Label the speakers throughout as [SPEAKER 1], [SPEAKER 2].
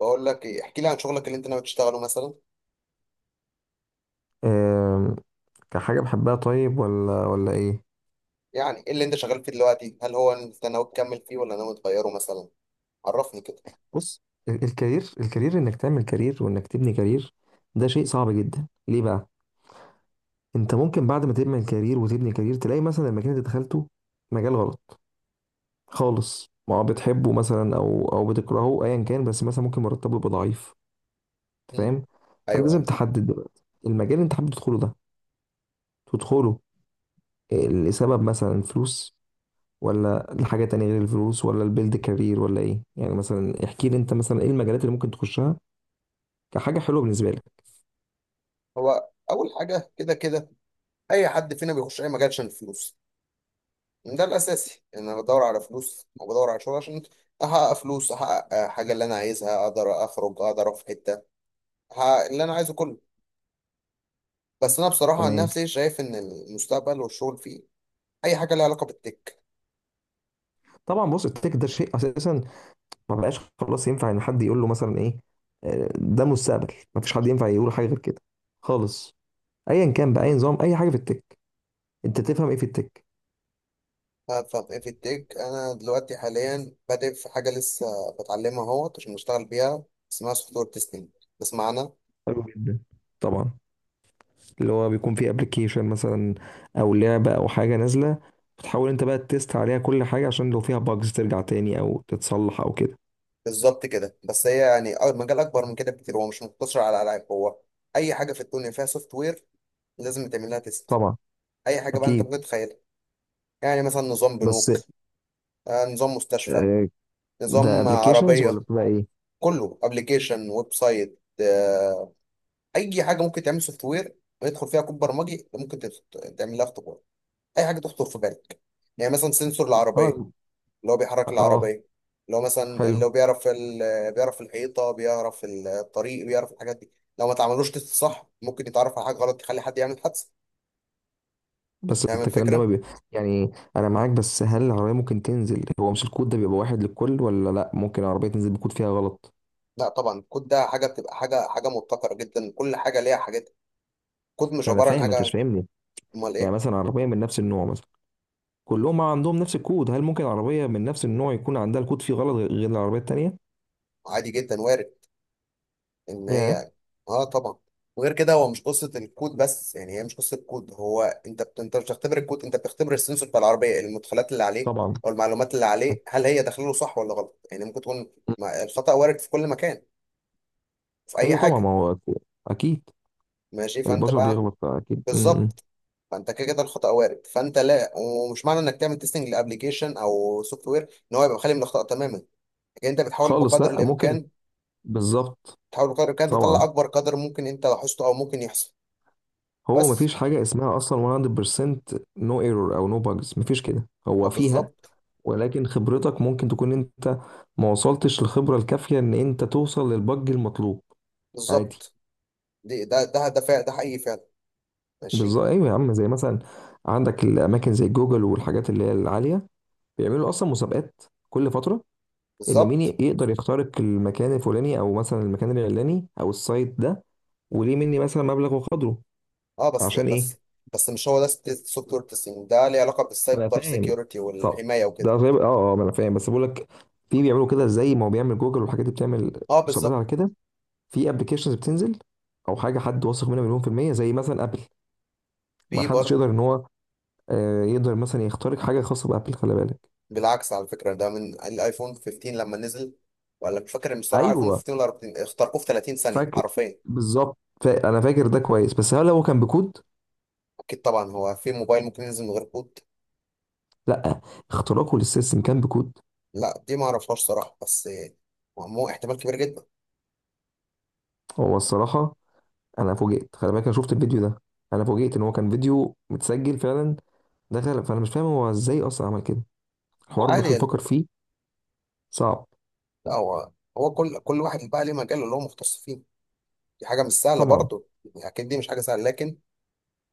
[SPEAKER 1] بقول لك ايه، احكي لي عن شغلك اللي انت ناوي تشتغله مثلا.
[SPEAKER 2] آم، كحاجة بحبها طيب ولا ايه.
[SPEAKER 1] يعني ايه اللي انت شغال فيه دلوقتي، هل هو انت ناوي تكمل فيه ولا ناوي تغيره مثلا؟ عرفني كده.
[SPEAKER 2] بص، الكارير، انك تعمل كارير وانك تبني كارير، ده شيء صعب جدا. ليه بقى؟ انت ممكن بعد ما تبني كارير وتبني كارير تلاقي مثلا المكان اللي دخلته مجال غلط خالص. ما هو بتحبه مثلا او بتكرهه ايا كان، بس مثلا ممكن مرتبه يبقى ضعيف. انت
[SPEAKER 1] مم.
[SPEAKER 2] فاهم؟ فانت
[SPEAKER 1] ايوه ايوه.
[SPEAKER 2] لازم تحدد دلوقتي المجال اللي انت حابب تدخله. لسبب مثلا فلوس، ولا لحاجة تانية غير الفلوس، ولا البيلد كارير، ولا ايه يعني؟ مثلا احكي لي انت مثلا ايه المجالات اللي ممكن تخشها كحاجة حلوة بالنسبة لك.
[SPEAKER 1] هو اول حاجه كده اي حد فينا بيخش اي مجال عشان الفلوس. ده الاساسي، ان انا بدور على فلوس وبدور على شغل عشان احقق فلوس، احقق حاجه اللي انا عايزها، اقدر اخرج اقدر اروح في حته، احقق اللي انا عايزه كله. بس انا بصراحه عن
[SPEAKER 2] تمام.
[SPEAKER 1] نفسي شايف ان المستقبل والشغل فيه اي حاجه لها علاقه بالتك.
[SPEAKER 2] طبعا، بص التك ده شيء اساسا ما بقاش خلاص ينفع ان حد يقول له مثلا ايه. ده مستقبل، ما فيش حد ينفع يقول حاجة غير كده خالص. ايا كان بقى اي نظام، اي حاجة في التك، انت تفهم ايه في التك؟
[SPEAKER 1] ففي التك انا دلوقتي حاليا بادئ في حاجه لسه بتعلمها اهوت عشان اشتغل بيها، اسمها سوفت وير تيستنج. بسمعنا.
[SPEAKER 2] حلو جدا. طبعا، اللي هو بيكون فيه ابلكيشن مثلا، او لعبة، او حاجة نازلة، بتحاول انت بقى تست عليها كل حاجة عشان لو فيها باجز ترجع تاني او تتصلح او كده.
[SPEAKER 1] بالظبط كده، بس هي يعني المجال اكبر من كده بكتير، هو مش مقتصر على العاب، هو اي حاجه في الدنيا فيها سوفت وير لازم تعمل لها تيست.
[SPEAKER 2] طبعا.
[SPEAKER 1] اي حاجه بقى انت
[SPEAKER 2] اكيد.
[SPEAKER 1] ممكن تتخيلها، يعني مثلا نظام
[SPEAKER 2] بس،
[SPEAKER 1] بنوك، نظام مستشفى،
[SPEAKER 2] آه، ده
[SPEAKER 1] نظام
[SPEAKER 2] ابلكيشنز ولا
[SPEAKER 1] عربيه،
[SPEAKER 2] بتبقى ايه؟
[SPEAKER 1] كله ابلكيشن، ويب سايت، اي حاجه ممكن تعمل سوفت وير ويدخل فيها كود برمجي ممكن تعمل لها. اي حاجه تخطر في بالك، يعني مثلا سنسور العربيه
[SPEAKER 2] اه.
[SPEAKER 1] اللي هو بيحرك
[SPEAKER 2] اه.
[SPEAKER 1] العربيه، اللي هو مثلا
[SPEAKER 2] حلو.
[SPEAKER 1] اللي هو بيعرف بيعرف الحيطه، بيعرف الطريق، بيعرف الحاجات دي. لو ما تعملوش تست صح ممكن يتعرف على حاجه غلط تخلي حد يعمل حادثه.
[SPEAKER 2] بس انت
[SPEAKER 1] نعمل
[SPEAKER 2] الكلام ده ما
[SPEAKER 1] فكره.
[SPEAKER 2] بي... يعني انا معاك، بس هل العربيه ممكن تنزل؟ هو مش الكود ده بيبقى واحد للكل ولا لا؟ ممكن العربيه تنزل بكود فيها غلط.
[SPEAKER 1] لا طبعا، الكود ده حاجه بتبقى حاجه مبتكره جدا، كل حاجه ليها حاجات. كود مش
[SPEAKER 2] انا
[SPEAKER 1] عباره عن
[SPEAKER 2] فاهم، انت مش
[SPEAKER 1] حاجه.
[SPEAKER 2] فاهمني.
[SPEAKER 1] امال
[SPEAKER 2] يعني
[SPEAKER 1] ايه؟
[SPEAKER 2] مثلا عربيه من نفس النوع مثلا، كلهم عندهم نفس الكود، هل ممكن عربيه من نفس النوع يكون عندها الكود فيه غلط غير العربيه التانيه؟
[SPEAKER 1] عادي جدا، وارد ان
[SPEAKER 2] يا.
[SPEAKER 1] هي. اه طبعا. وغير كده هو مش قصه الكود بس، يعني هي مش قصه كود، هو انت انت مش بتختبر الكود، انت بتختبر السنسور بتاع العربيه، المدخلات اللي عليه
[SPEAKER 2] طبعا.
[SPEAKER 1] او المعلومات اللي
[SPEAKER 2] أك-
[SPEAKER 1] عليه، هل هي داخله له صح ولا غلط. يعني ممكن تكون الخطا وارد في كل مكان، في اي
[SPEAKER 2] ايوه طبعا،
[SPEAKER 1] حاجه.
[SPEAKER 2] ما هو اكيد.
[SPEAKER 1] ماشي، فانت
[SPEAKER 2] البشر
[SPEAKER 1] بقى،
[SPEAKER 2] بيغلط اكيد. م- م.
[SPEAKER 1] بالظبط، فانت كده كده الخطا وارد. فانت لا، ومش معنى انك تعمل تيستنج لابلكيشن او سوفت وير ان هو يبقى خالي من الاخطاء تماما، لكن انت بتحاول
[SPEAKER 2] خالص،
[SPEAKER 1] بقدر
[SPEAKER 2] لا ممكن.
[SPEAKER 1] الامكان،
[SPEAKER 2] بالظبط.
[SPEAKER 1] تحاول بقدر الامكان
[SPEAKER 2] طبعا،
[SPEAKER 1] تطلع اكبر قدر ممكن انت لاحظته او ممكن يحصل.
[SPEAKER 2] هو
[SPEAKER 1] بس
[SPEAKER 2] مفيش حاجة اسمها أصلا 100% no error أو no bugs، مفيش كده
[SPEAKER 1] اه
[SPEAKER 2] هو فيها.
[SPEAKER 1] بالظبط.
[SPEAKER 2] ولكن خبرتك ممكن تكون أنت ما وصلتش للخبرة الكافية إن أنت توصل للبج المطلوب. عادي.
[SPEAKER 1] بالظبط، دي ده ده ده فعلا، ده حقيقي فعلا. ماشي.
[SPEAKER 2] بالظبط. أيوة يا عم، زي مثلا عندك الأماكن زي جوجل والحاجات اللي هي العالية، بيعملوا أصلا مسابقات كل فترة، إن مين
[SPEAKER 1] بالظبط.
[SPEAKER 2] يقدر يخترق المكان الفلاني أو مثلا المكان العلاني أو السايت ده، وليه مني مثلا مبلغ وقدره.
[SPEAKER 1] اه بس
[SPEAKER 2] عشان
[SPEAKER 1] بس
[SPEAKER 2] إيه؟
[SPEAKER 1] بس مش هو ده السوفت وير تيستنج، ده ليه علاقه
[SPEAKER 2] انا
[SPEAKER 1] بالسايبر
[SPEAKER 2] فاهم.
[SPEAKER 1] سيكيورتي
[SPEAKER 2] طب
[SPEAKER 1] والحمايه
[SPEAKER 2] ده
[SPEAKER 1] وكده.
[SPEAKER 2] غير، اه اه ما انا فاهم، بس بقول لك في بيعملوا كده زي ما هو بيعمل جوجل والحاجات دي بتعمل
[SPEAKER 1] اه
[SPEAKER 2] مسابقات
[SPEAKER 1] بالظبط.
[SPEAKER 2] على كده. في ابلكيشنز بتنزل، او حاجه حد واثق منها مليون في الميه زي مثلا ابل، ما
[SPEAKER 1] في
[SPEAKER 2] حدش
[SPEAKER 1] برضه.
[SPEAKER 2] يقدر ان هو يقدر مثلا يخترق حاجه خاصه بابل، خلي بالك.
[SPEAKER 1] بالعكس، على فكره ده من الايفون 15 لما نزل، ولا مش فاكر بصراحه، ايفون
[SPEAKER 2] ايوه،
[SPEAKER 1] 15 ولا 14 اخترقوه في 30 ثانيه
[SPEAKER 2] فاكر.
[SPEAKER 1] حرفيا.
[SPEAKER 2] بالظبط. انا فاكر ده كويس، بس هل هو كان بكود؟
[SPEAKER 1] اكيد طبعا، هو في موبايل ممكن ينزل من غير كود؟
[SPEAKER 2] لا، اختراقه للسيستم كان بكود.
[SPEAKER 1] لا دي ما اعرفهاش صراحه، بس مو احتمال كبير جدا.
[SPEAKER 2] هو الصراحه انا فوجئت، خلي بالك، انا شفت الفيديو ده. انا فوجئت ان هو كان فيديو متسجل فعلا، دخل، فانا مش فاهم هو ازاي اصلا عمل كده. الحوار
[SPEAKER 1] عادي
[SPEAKER 2] بيحاول
[SPEAKER 1] يعني.
[SPEAKER 2] يفكر فيه. صعب.
[SPEAKER 1] لا هو، هو كل واحد بقى ليه مجاله اللي هو مختص فيه، دي حاجة مش سهلة
[SPEAKER 2] طبعا.
[SPEAKER 1] برضه. يعني أكيد دي مش حاجة سهلة، لكن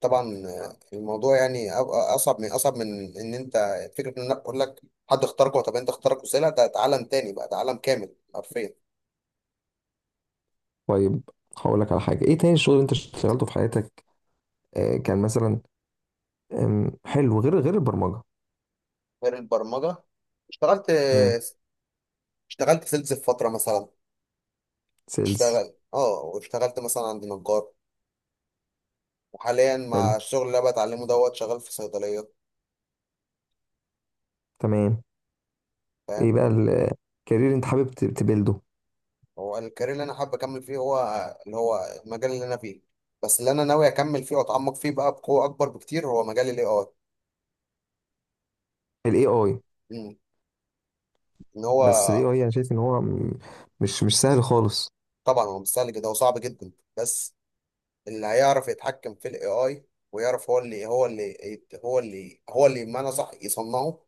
[SPEAKER 1] طبعا، الموضوع يعني أصعب من إن أنت فكرة إن أنا أقول لك حد اختارك. طب أنت اختارك وسيلة، ده ده عالم تاني بقى، ده عالم كامل حرفيا.
[SPEAKER 2] طيب، هقول لك على حاجه. ايه تاني الشغل اللي انت اشتغلته في حياتك؟ آه كان مثلا حلو، غير البرمجه.
[SPEAKER 1] غير البرمجة، اشتغلت،
[SPEAKER 2] امم.
[SPEAKER 1] اشتغلت سيلز في فترة مثلا،
[SPEAKER 2] سيلز.
[SPEAKER 1] اشتغل اه، واشتغلت مثلا عند نجار، وحاليا مع
[SPEAKER 2] حلو.
[SPEAKER 1] الشغل اللي أنا بتعلمه دوت، شغال في صيدلية.
[SPEAKER 2] تمام. ايه
[SPEAKER 1] فاهم.
[SPEAKER 2] بقى الكارير انت حابب تبيلده؟
[SPEAKER 1] هو الكارير اللي انا حابب اكمل فيه هو اللي هو المجال اللي انا فيه، بس اللي انا ناوي اكمل فيه واتعمق فيه بقى بقوه اكبر بكتير هو مجال الاي اي.
[SPEAKER 2] الاي اي.
[SPEAKER 1] ان هو.
[SPEAKER 2] بس الاي اي انا شايف ان هو مش سهل خالص.
[SPEAKER 1] طبعا هو مش سهل كده وصعب جدا، بس اللي هيعرف يتحكم في الاي اي ويعرف هو اللي هو اللي بمعنى صح يصنعه،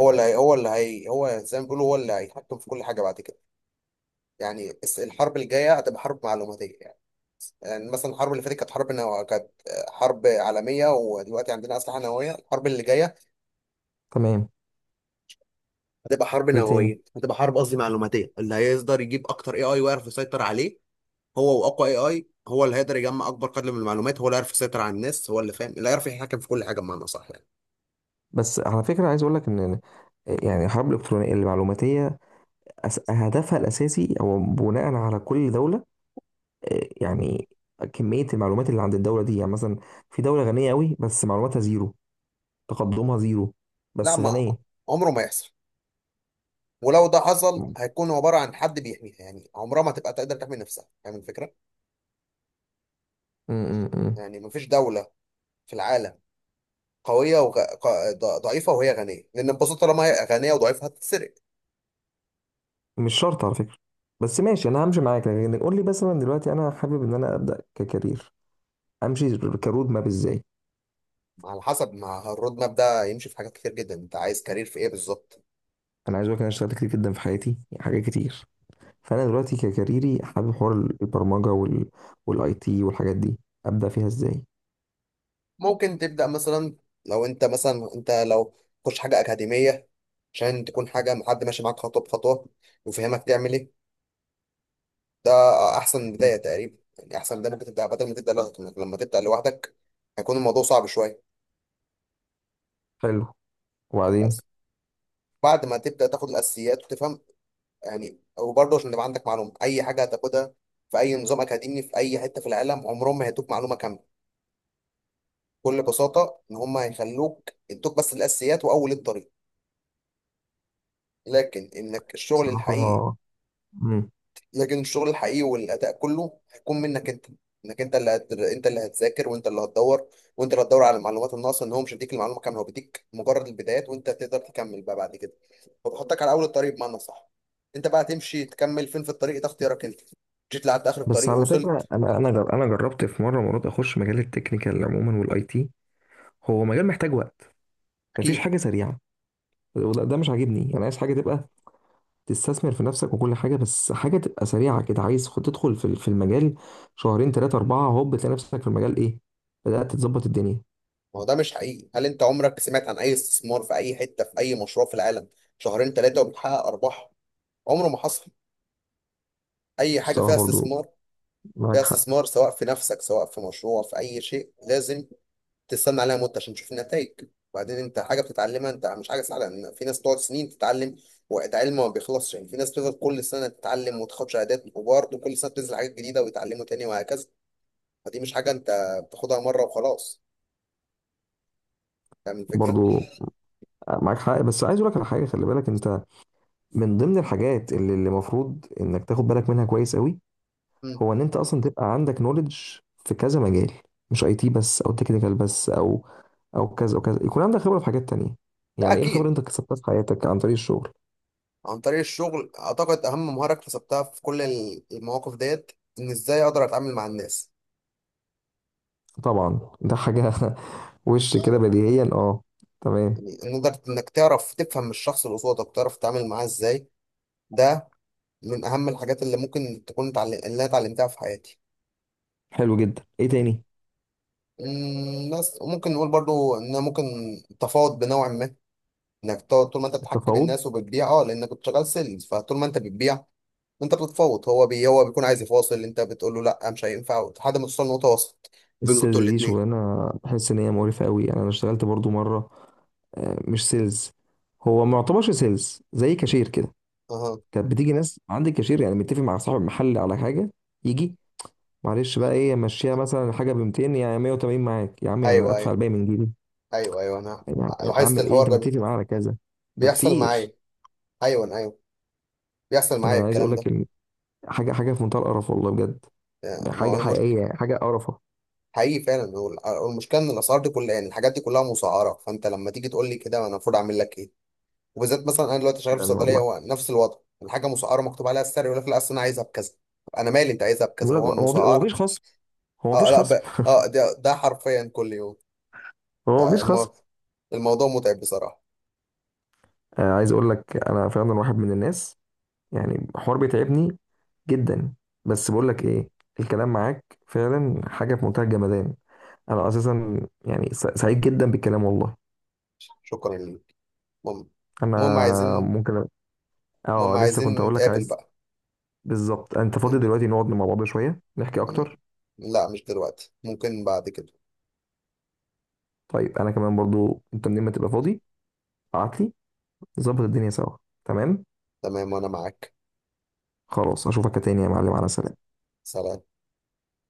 [SPEAKER 1] هو اللي هي هو اللي هي هو زي ما بيقولوا هو اللي هيتحكم في كل حاجه بعد كده. يعني الحرب الجايه هتبقى حرب معلوماتيه. يعني مثلا الحرب اللي فاتت كانت حرب كانت حرب عالمية، ودلوقتي عندنا أسلحة نووية. الحرب اللي جاية
[SPEAKER 2] تمام.
[SPEAKER 1] هتبقى حرب
[SPEAKER 2] ايه تاني؟
[SPEAKER 1] نووية، هتبقى حرب، قصدي معلوماتية. اللي هيقدر يجيب أكتر اي اي ويعرف يسيطر عليه هو، وأقوى اي اي هو اللي هيقدر يجمع أكبر قدر من المعلومات، هو اللي يعرف يسيطر على الناس، هو اللي فاهم، اللي يعرف يتحكم في كل حاجة بمعنى صح يعني.
[SPEAKER 2] بس على فكرة عايز أقول لك إن يعني الحرب الإلكترونية المعلوماتية، هدفها الأساسي هو بناء على كل دولة. يعني كمية المعلومات اللي عند الدولة دي. يعني مثلا في دولة غنية أوي بس معلوماتها زيرو، تقدمها زيرو،
[SPEAKER 1] لا
[SPEAKER 2] بس
[SPEAKER 1] ما
[SPEAKER 2] غنية.
[SPEAKER 1] عمره ما يحصل. ولو ده حصل
[SPEAKER 2] م-
[SPEAKER 1] هيكون عبارة عن حد بيحميها، يعني عمرها ما تبقى تقدر تحمي نفسها. فاهم الفكرة؟
[SPEAKER 2] م- م.
[SPEAKER 1] يعني مفيش دولة في العالم قوية ضعيفة وهي غنية، لأن البساطة طالما هي غنية وضعيفة هتتسرق.
[SPEAKER 2] مش شرط على فكرة. بس ماشي، أنا همشي معاك، لكن قول لي مثلا دلوقتي أنا حابب إن أنا أبدأ ككارير، أمشي كرود ماب إزاي؟
[SPEAKER 1] على حسب ما الرود ماب ده يمشي، في حاجات كتير جدا، أنت عايز كارير في إيه بالظبط؟
[SPEAKER 2] أنا عايز أقول لك إن أنا اشتغلت كتير جدا في حياتي، يعني حاجات كتير. فانا دلوقتي ككاريري حابب حوار البرمجه والاي تي والحاجات دي، ابدا فيها ازاي؟
[SPEAKER 1] ممكن تبدأ مثلا، لو أنت مثلا أنت لو تخش حاجة أكاديمية عشان تكون حاجة مع حد ماشي معاك خطوة بخطوة ويفهمك تعمل إيه، ده أحسن بداية تقريبا. يعني أحسن بداية ممكن تبدأ، بدل ما تبدأ لوحدك، لما تبدأ لوحدك هيكون الموضوع صعب شوية.
[SPEAKER 2] حلو. وبعدين؟
[SPEAKER 1] بس بعد ما تبدأ تاخد الأساسيات وتفهم، يعني وبرضه عشان تبقى عندك معلومه، اي حاجه هتاخدها في اي نظام اكاديمي في اي حته في العالم، عمرهم ما هيدوك معلومه كامله، بكل بساطه ان هم هيخلوك يدوك بس الاساسيات واول الطريق، لكن انك الشغل الحقيقي،
[SPEAKER 2] بصراحه. مم.
[SPEAKER 1] لكن الشغل الحقيقي والاداء كله هيكون منك انت. انك انت انت اللي هتذاكر، وانت اللي هتدور، وانت اللي هتدور على المعلومات الناقصه، ان هو مش هيديك المعلومه كامله، هو بيديك مجرد البدايات وانت تقدر تكمل بقى بعد كده. هو بيحطك على اول الطريق بمعنى صح، انت بقى تمشي تكمل فين في الطريق، ده اختيارك انت. جيت لحد اخر
[SPEAKER 2] بس
[SPEAKER 1] الطريق
[SPEAKER 2] على فكره،
[SPEAKER 1] ووصلت.
[SPEAKER 2] انا جربت في مره مرات اخش مجال التكنيكال عموما والاي تي. هو مجال محتاج وقت، مفيش
[SPEAKER 1] اكيد.
[SPEAKER 2] حاجه سريعه، وده، ده مش عاجبني. انا عايز حاجه تبقى تستثمر في نفسك وكل حاجه، بس حاجه تبقى سريعه كده. عايز تدخل في في المجال شهرين ثلاثه اربعه، هوب تلاقي نفسك في المجال ايه، بدات تظبط الدنيا.
[SPEAKER 1] ما هو ده مش حقيقي، هل انت عمرك سمعت عن اي استثمار في اي حته في اي مشروع في العالم شهرين ثلاثه وبتحقق ارباح؟ عمره ما حصل. اي حاجه
[SPEAKER 2] الصراحه
[SPEAKER 1] فيها
[SPEAKER 2] برضو
[SPEAKER 1] استثمار، فيها
[SPEAKER 2] معاك حق.
[SPEAKER 1] استثمار، سواء في نفسك سواء في مشروع في اي شيء، لازم تستنى عليها مده عشان تشوف النتائج. وبعدين انت حاجه بتتعلمها، انت مش حاجه سهله ان في ناس بتقعد سنين تتعلم، وقت علم ما بيخلصش، يعني في ناس بتفضل كل سنه تتعلم وتاخد شهادات، وبرضه كل سنه بتنزل حاجات جديده ويتعلموا تاني وهكذا. فدي مش حاجه انت بتاخدها مره وخلاص. فاهم الفكره؟
[SPEAKER 2] برضو معاك حق، بس عايز اقول لك على حاجه، خلي بالك انت، من ضمن الحاجات اللي المفروض انك تاخد بالك منها كويس قوي،
[SPEAKER 1] مم.
[SPEAKER 2] هو ان انت اصلا تبقى عندك نوليدج في كذا مجال. مش اي تي بس، او تكنيكال بس، او او كذا او كذا. يكون عندك خبره في حاجات تانية.
[SPEAKER 1] ده
[SPEAKER 2] يعني ايه الخبره
[SPEAKER 1] اكيد.
[SPEAKER 2] اللي انت كسبتها في حياتك عن طريق الشغل؟
[SPEAKER 1] عن طريق الشغل اعتقد اهم مهاره اكتسبتها في كل المواقف ديت ان ازاي اقدر اتعامل مع الناس.
[SPEAKER 2] طبعا ده حاجه وش كده بديهيا. اه. تمام.
[SPEAKER 1] يعني إن قدرت انك تعرف تفهم الشخص اللي قصادك، تعرف تتعامل معاه ازاي، ده من اهم الحاجات اللي ممكن تكون اللي انا اتعلمتها في حياتي.
[SPEAKER 2] حلو جدا، ايه تاني؟
[SPEAKER 1] بس وممكن نقول برضو ان أنا ممكن تفاوض بنوع ما، انك تقعد طول ما انت بتحكي
[SPEAKER 2] التفاوض.
[SPEAKER 1] بالناس وبتبيع، اه لانك كنت شغال سيلز، فطول ما انت بتبيع انت بتتفاوض. هو هو بيكون عايز يفاصل، انت بتقول له لا مش هينفع لحد ما توصل لنقطه وسط بينكم
[SPEAKER 2] السيلز
[SPEAKER 1] انتوا
[SPEAKER 2] دي
[SPEAKER 1] الاثنين.
[SPEAKER 2] شغلانه بحس ان هي مقرفه قوي. يعني انا اشتغلت برضو مره مش سيلز، هو ما يعتبرش سيلز، زي كاشير كده.
[SPEAKER 1] اها.
[SPEAKER 2] كانت بتيجي ناس عند الكاشير، يعني متفق مع صاحب المحل على حاجه، يجي: معلش بقى ايه، مشيها مثلا الحاجه ب 200، يعني 180 معاك يا عم، يعني أنا
[SPEAKER 1] ايوه ايوه.
[SPEAKER 2] ادفع الباقي من جيبي.
[SPEAKER 1] ايوه ايوه، انا
[SPEAKER 2] يعني، يعني
[SPEAKER 1] لاحظت
[SPEAKER 2] اعمل ايه؟
[SPEAKER 1] الحوار
[SPEAKER 2] انت
[SPEAKER 1] ده
[SPEAKER 2] متفق معايا على كذا. ده
[SPEAKER 1] بيحصل
[SPEAKER 2] كتير.
[SPEAKER 1] معايا. ايوه ايوه، بيحصل معايا
[SPEAKER 2] انا عايز اقول
[SPEAKER 1] الكلام
[SPEAKER 2] لك
[SPEAKER 1] ده.
[SPEAKER 2] إن حاجه في منتهى القرف، والله بجد.
[SPEAKER 1] يعني ما هو
[SPEAKER 2] حاجه
[SPEAKER 1] المشكله،
[SPEAKER 2] حقيقيه، حاجه قرفه.
[SPEAKER 1] حقيقي فعلا. هو هو المشكله ان الاسعار دي كلها، يعني الحاجات دي كلها مسعره، فانت لما تيجي تقول لي كده انا المفروض اعمل لك ايه؟ وبالذات مثلا انا دلوقتي شغال في
[SPEAKER 2] يعني
[SPEAKER 1] صيدليه،
[SPEAKER 2] والله،
[SPEAKER 1] هو نفس الوضع، الحاجه مسعره، مكتوب عليها السعر، يقول لك لا اصل انا عايزها بكذا. طب انا مالي انت عايزها بكذا،
[SPEAKER 2] بقول لك
[SPEAKER 1] هو
[SPEAKER 2] هو هو
[SPEAKER 1] مسعره.
[SPEAKER 2] مفيش خصم. هو
[SPEAKER 1] اه
[SPEAKER 2] مفيش
[SPEAKER 1] لا
[SPEAKER 2] خصم.
[SPEAKER 1] ب... اه ده ده حرفيا كل يوم.
[SPEAKER 2] هو مفيش خصم.
[SPEAKER 1] فالموضوع، الموضوع متعب بصراحه.
[SPEAKER 2] عايز اقول لك انا فعلا واحد من الناس يعني حوار بيتعبني جدا. بس بقول لك ايه، الكلام معاك فعلا حاجه في منتهى الجمدان. انا اساسا يعني سعيد جدا بالكلام والله.
[SPEAKER 1] شكرا ليك. المهم،
[SPEAKER 2] انا
[SPEAKER 1] المهم عايزين
[SPEAKER 2] ممكن اه
[SPEAKER 1] المهم
[SPEAKER 2] لسه كنت
[SPEAKER 1] عايزين
[SPEAKER 2] اقول لك
[SPEAKER 1] نتقابل
[SPEAKER 2] عايز.
[SPEAKER 1] بقى.
[SPEAKER 2] بالظبط، انت فاضي دلوقتي نقعد مع بعض شويه نحكي
[SPEAKER 1] مم.
[SPEAKER 2] اكتر؟
[SPEAKER 1] لا مش دلوقتي، ممكن بعد كده.
[SPEAKER 2] طيب انا كمان برضو، انت منين ما تبقى فاضي ابعت لي، نظبط الدنيا سوا. تمام.
[SPEAKER 1] تمام وانا معاك.
[SPEAKER 2] خلاص، اشوفك تاني يا معلم، على سلامه.
[SPEAKER 1] سلام.